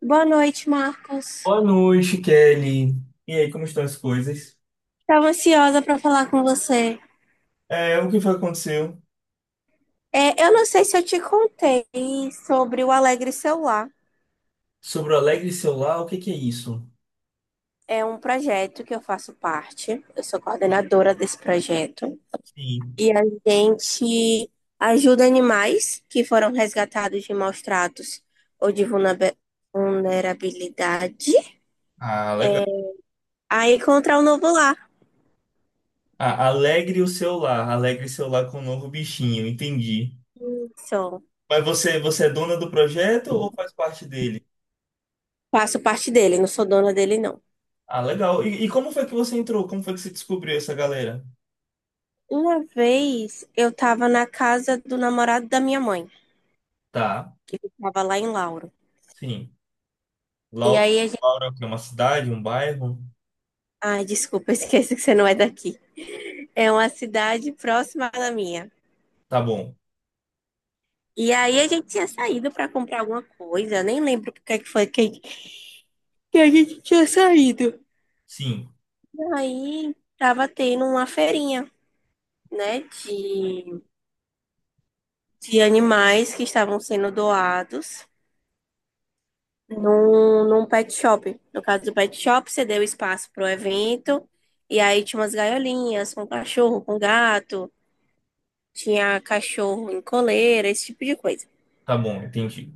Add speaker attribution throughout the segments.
Speaker 1: Boa noite, Marcos.
Speaker 2: Boa noite, Kelly. E aí, como estão as coisas?
Speaker 1: Estava ansiosa para falar com você.
Speaker 2: É, o que foi que aconteceu?
Speaker 1: É, eu não sei se eu te contei sobre o Alegre Celular.
Speaker 2: Sobre o Alegre Celular, o que que é isso?
Speaker 1: É um projeto que eu faço parte. Eu sou coordenadora desse projeto.
Speaker 2: Sim.
Speaker 1: E a gente ajuda animais que foram resgatados de maus tratos ou de vulnerabilidade
Speaker 2: Ah, legal.
Speaker 1: a encontrar um novo lar.
Speaker 2: Ah, Alegre o Celular, Alegre Celular com o novo bichinho, entendi.
Speaker 1: Então,
Speaker 2: Mas você é dona do projeto ou faz parte dele?
Speaker 1: faço parte dele, não sou dona dele, não.
Speaker 2: Ah, legal. E como foi que você entrou? Como foi que você descobriu essa galera?
Speaker 1: Uma vez eu estava na casa do namorado da minha mãe,
Speaker 2: Tá,
Speaker 1: que ficava lá em Lauro.
Speaker 2: sim.
Speaker 1: E
Speaker 2: Laura,
Speaker 1: aí a gente.
Speaker 2: Laura, que é uma cidade, um bairro?
Speaker 1: Ai, desculpa, eu esqueci que você não é daqui. É uma cidade próxima da minha.
Speaker 2: Tá bom.
Speaker 1: E aí a gente tinha saído para comprar alguma coisa, nem lembro porque é que foi que a gente tinha saído.
Speaker 2: Sim,
Speaker 1: E aí tava tendo uma feirinha, né, de animais que estavam sendo doados num pet shop. No caso do pet shop, você deu espaço para o evento, e aí tinha umas gaiolinhas com cachorro, com gato, tinha cachorro em coleira, esse tipo de coisa.
Speaker 2: tá bom, entendi.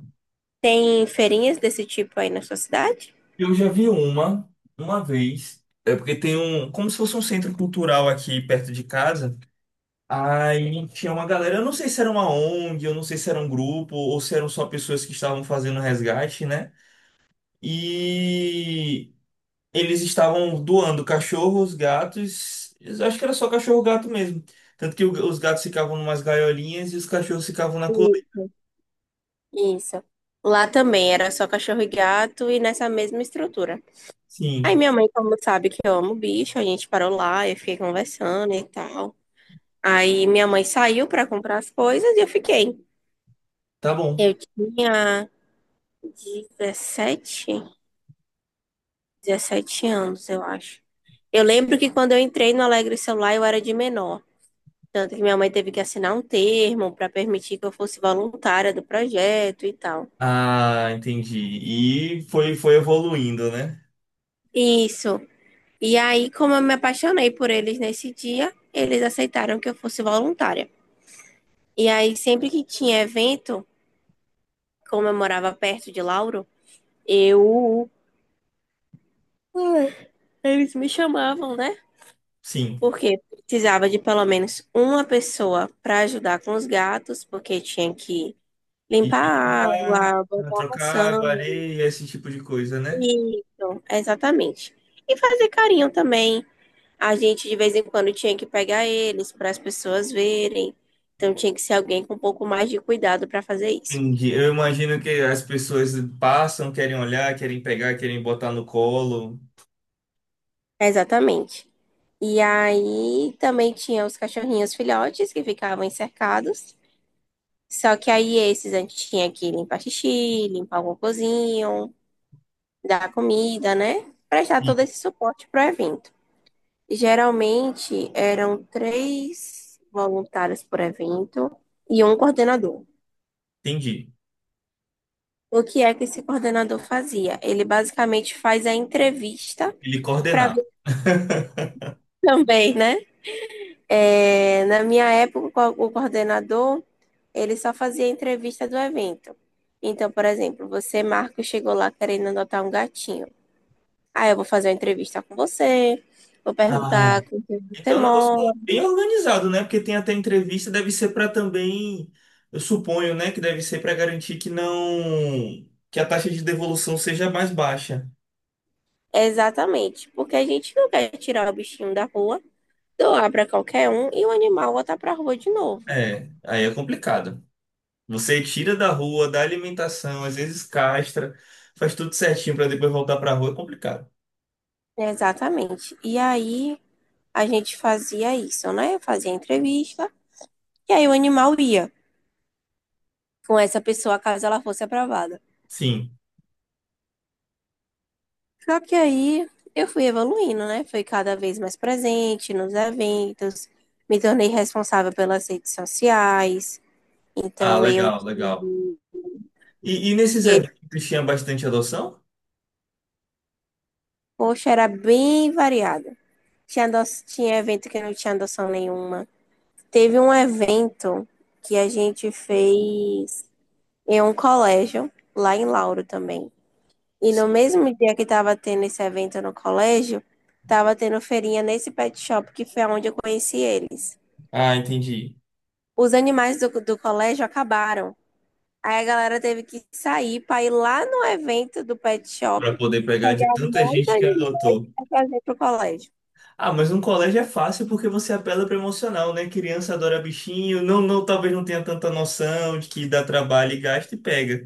Speaker 1: Tem feirinhas desse tipo aí na sua cidade?
Speaker 2: Eu já vi uma vez. É porque tem um, como se fosse um centro cultural aqui perto de casa. Aí tinha uma galera, eu não sei se era uma ONG, eu não sei se era um grupo, ou se eram só pessoas que estavam fazendo resgate, né? E eles estavam doando cachorros, gatos, eu acho que era só cachorro, gato mesmo. Tanto que os gatos ficavam numas gaiolinhas e os cachorros ficavam na coleira.
Speaker 1: Sim. Isso. Lá também era só cachorro e gato e nessa mesma estrutura. Aí
Speaker 2: Sim,
Speaker 1: minha mãe, como sabe que eu amo bicho, a gente parou lá, eu fiquei conversando e tal. Aí minha mãe saiu para comprar as coisas e eu fiquei.
Speaker 2: tá bom.
Speaker 1: Eu tinha 17 17 anos, eu acho. Eu lembro que quando eu entrei no Alegre Celular, eu era de menor. Tanto que minha mãe teve que assinar um termo para permitir que eu fosse voluntária do projeto e tal.
Speaker 2: Ah, entendi. E foi evoluindo, né?
Speaker 1: Isso. E aí, como eu me apaixonei por eles nesse dia, eles aceitaram que eu fosse voluntária. E aí, sempre que tinha evento, como eu morava perto de Lauro, eu. Eles me chamavam, né?
Speaker 2: Sim.
Speaker 1: Porque precisava de pelo menos uma pessoa para ajudar com os gatos, porque tinha que
Speaker 2: E
Speaker 1: limpar a
Speaker 2: limpar,
Speaker 1: água, botar a
Speaker 2: trocar água,
Speaker 1: ração.
Speaker 2: areia, esse tipo de coisa, né?
Speaker 1: Isso, exatamente. E fazer carinho também. A gente de vez em quando tinha que pegar eles para as pessoas verem. Então tinha que ser alguém com um pouco mais de cuidado para fazer isso.
Speaker 2: Entendi. Eu imagino que as pessoas passam, querem olhar, querem pegar, querem botar no colo.
Speaker 1: Exatamente. E aí também tinha os cachorrinhos filhotes que ficavam encercados. Só que aí esses a gente tinha que limpar xixi, limpar o cocôzinho, dar comida, né? Prestar
Speaker 2: Sim.
Speaker 1: todo esse suporte pro evento. Geralmente eram três voluntários por evento e um coordenador.
Speaker 2: Entendi.
Speaker 1: O que é que esse coordenador fazia? Ele basicamente faz a entrevista
Speaker 2: Ele
Speaker 1: para
Speaker 2: coordenar.
Speaker 1: ver também, né? É, na minha época, o coordenador ele só fazia a entrevista do evento. Então, por exemplo, você, Marco, chegou lá querendo adotar um gatinho. Ah, eu vou fazer uma entrevista com você, vou
Speaker 2: Ah.
Speaker 1: perguntar com quem você
Speaker 2: Então, é um negócio
Speaker 1: mora.
Speaker 2: bem organizado, né? Porque tem até entrevista, deve ser para também, eu suponho, né, que deve ser para garantir que não, que a taxa de devolução seja mais baixa.
Speaker 1: Exatamente, porque a gente não quer tirar o bichinho da rua, doar para qualquer um e o animal voltar para a rua de novo.
Speaker 2: É, aí é complicado. Você tira da rua, dá alimentação, às vezes castra, faz tudo certinho para depois voltar para a rua, é complicado.
Speaker 1: Exatamente. E aí a gente fazia isso, né? Fazia a entrevista e aí o animal ia com essa pessoa caso ela fosse aprovada.
Speaker 2: Sim.
Speaker 1: Só que aí eu fui evoluindo, né? Fui cada vez mais presente nos eventos, me tornei responsável pelas redes sociais.
Speaker 2: Ah,
Speaker 1: Então eu
Speaker 2: legal, legal. E nesses
Speaker 1: que,
Speaker 2: eventos tinha bastante adoção?
Speaker 1: poxa, era bem variada. Tinha, tinha evento que não tinha adoção nenhuma. Teve um evento que a gente fez em um colégio, lá em Lauro também. E no
Speaker 2: Sim.
Speaker 1: mesmo dia que estava tendo esse evento no colégio, estava tendo feirinha nesse pet shop, que foi onde eu conheci eles.
Speaker 2: Ah, entendi.
Speaker 1: Os animais do colégio acabaram. Aí a galera teve que sair para ir lá no evento do pet
Speaker 2: Para
Speaker 1: shop,
Speaker 2: poder pegar de
Speaker 1: pegar
Speaker 2: tanta
Speaker 1: mais
Speaker 2: gente que
Speaker 1: animais
Speaker 2: adotou.
Speaker 1: para trazer para o colégio.
Speaker 2: Ah, mas um colégio é fácil porque você apela para emocional, né? Criança adora bichinho, não, não, talvez não tenha tanta noção de que dá trabalho e gasta e pega.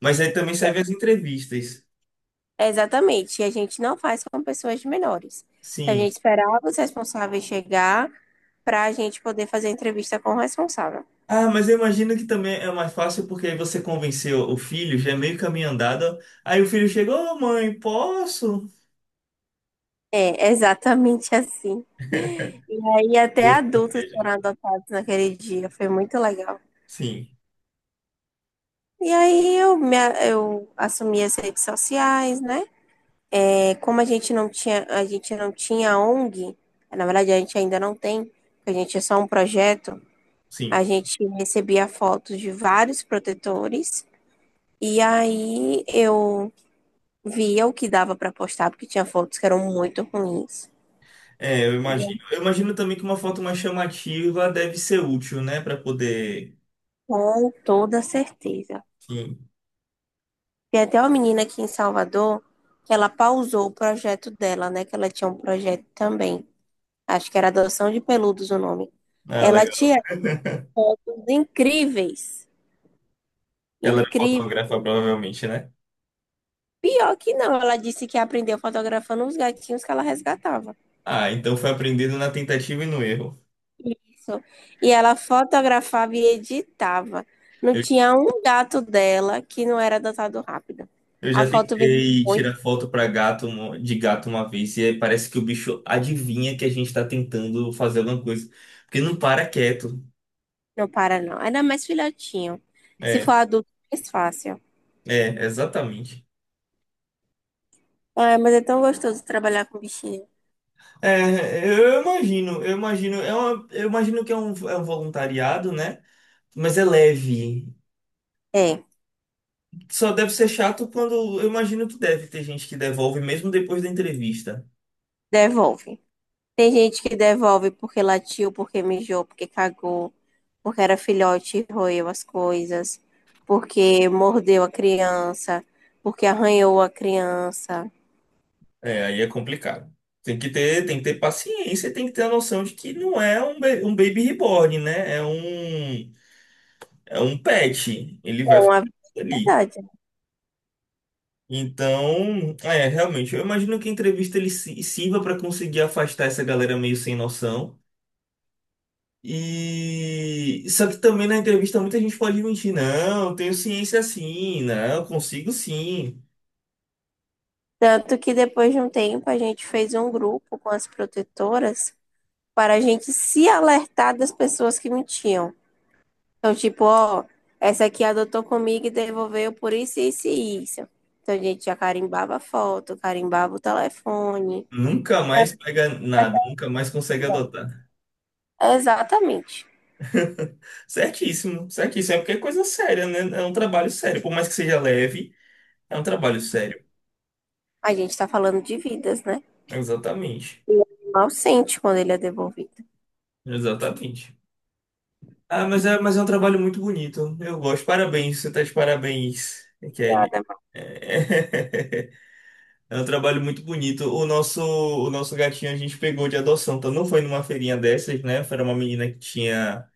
Speaker 2: Mas aí também serve as entrevistas.
Speaker 1: Exatamente. E a gente não faz com pessoas menores. Então a gente
Speaker 2: Sim.
Speaker 1: esperava os responsáveis chegar para a gente poder fazer a entrevista com o responsável.
Speaker 2: Ah, mas eu imagino que também é mais fácil porque aí você convenceu o filho, já é meio caminho andado. Aí o filho chegou, ô mãe, posso?
Speaker 1: É, exatamente assim. E aí até
Speaker 2: Gosto
Speaker 1: adultos
Speaker 2: dele.
Speaker 1: foram adotados naquele dia, foi muito legal.
Speaker 2: Sim,
Speaker 1: E aí eu assumi as redes sociais, né? É, como a gente não tinha, a gente não tinha ONG, na verdade a gente ainda não tem, porque a gente é só um projeto, a
Speaker 2: sim.
Speaker 1: gente recebia fotos de vários protetores. E aí eu via o que dava para postar, porque tinha fotos que eram muito ruins.
Speaker 2: É, eu
Speaker 1: E
Speaker 2: imagino. Eu imagino também que uma foto mais chamativa deve ser útil, né? Pra poder.
Speaker 1: com toda certeza.
Speaker 2: Sim.
Speaker 1: Tem até uma menina aqui em Salvador que ela pausou o projeto dela, né? Que ela tinha um projeto também. Acho que era adoção de peludos o nome.
Speaker 2: Ah,
Speaker 1: Ela
Speaker 2: legal.
Speaker 1: tinha fotos incríveis.
Speaker 2: Ela era
Speaker 1: Incríveis.
Speaker 2: fotógrafa, provavelmente, né?
Speaker 1: Pior que não, ela disse que aprendeu fotografando os gatinhos que ela resgatava.
Speaker 2: Ah, então foi aprendido na tentativa e no erro.
Speaker 1: Isso. E ela fotografava e editava. Não
Speaker 2: Eu
Speaker 1: tinha um gato dela que não era adotado rápido.
Speaker 2: Eu
Speaker 1: A
Speaker 2: já
Speaker 1: foto veio.
Speaker 2: tentei tirar foto pra gato de gato uma vez e aí parece que o bicho adivinha que a gente tá tentando fazer alguma coisa, porque não para quieto.
Speaker 1: Não para, não. Ainda mais filhotinho. Se
Speaker 2: É,
Speaker 1: for adulto, é mais fácil.
Speaker 2: é, exatamente.
Speaker 1: Ah, mas é tão gostoso trabalhar com bichinho.
Speaker 2: É, eu imagino, eu imagino que é um voluntariado, né? Mas é leve.
Speaker 1: É,
Speaker 2: Só deve ser chato quando eu imagino que deve ter gente que devolve mesmo depois da entrevista.
Speaker 1: devolve. Tem gente que devolve porque latiu, porque mijou, porque cagou, porque era filhote e roeu as coisas, porque mordeu a criança, porque arranhou a criança.
Speaker 2: É, aí é complicado. Tem que ter paciência, e tem que ter a noção de que não é um baby reborn, né? É um pet, ele
Speaker 1: É
Speaker 2: vai fazer
Speaker 1: uma
Speaker 2: aquilo ali.
Speaker 1: verdade.
Speaker 2: Então, é, realmente, eu imagino que a entrevista ele sirva para conseguir afastar essa galera meio sem noção. E só que também na entrevista muita gente pode mentir, não, eu tenho ciência sim, não, eu consigo sim.
Speaker 1: Tanto que depois de um tempo a gente fez um grupo com as protetoras para a gente se alertar das pessoas que mentiam. Então, tipo, ó, essa aqui adotou comigo e devolveu por isso, isso e isso. Então, a gente já carimbava a foto, carimbava o telefone.
Speaker 2: Nunca
Speaker 1: Pra
Speaker 2: mais
Speaker 1: ver
Speaker 2: pega nada,
Speaker 1: até-
Speaker 2: nunca mais consegue adotar.
Speaker 1: exatamente.
Speaker 2: Certíssimo, certíssimo. É porque é coisa séria, né? É um trabalho sério. Por mais que seja leve, é um trabalho sério.
Speaker 1: A gente está falando de vidas, né?
Speaker 2: Exatamente.
Speaker 1: E o animal sente quando ele é devolvido.
Speaker 2: Exatamente. Ah, mas é, um trabalho muito bonito. Eu gosto. Parabéns, você tá de parabéns, Kelly.
Speaker 1: Obrigada, mãe.
Speaker 2: É é um trabalho muito bonito. O nosso gatinho a gente pegou de adoção, então não foi numa feirinha dessas, né? Foi uma menina que tinha,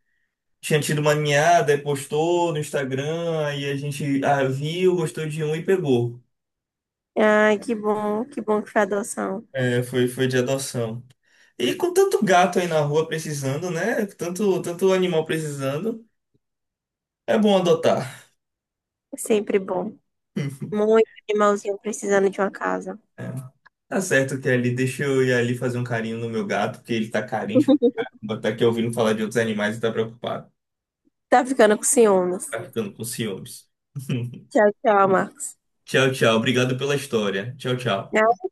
Speaker 2: tinha tido uma ninhada e postou no Instagram, e a gente viu, gostou de um e pegou.
Speaker 1: Ai, que bom, que bom que foi adoção.
Speaker 2: É, foi de adoção. E com tanto gato aí na rua precisando, né? Tanto, tanto animal precisando, é bom adotar.
Speaker 1: É sempre bom. Muito animalzinho precisando de uma casa.
Speaker 2: Tá certo, que ali deixa eu ir ali fazer um carinho no meu gato, porque ele tá carente. Tá aqui ouvindo falar de outros animais e tá preocupado.
Speaker 1: Tá ficando com ciúmes.
Speaker 2: Tá ficando com ciúmes.
Speaker 1: Tchau, tchau, Marcos.
Speaker 2: Tchau, tchau. Obrigado pela história. Tchau, tchau.
Speaker 1: Ai,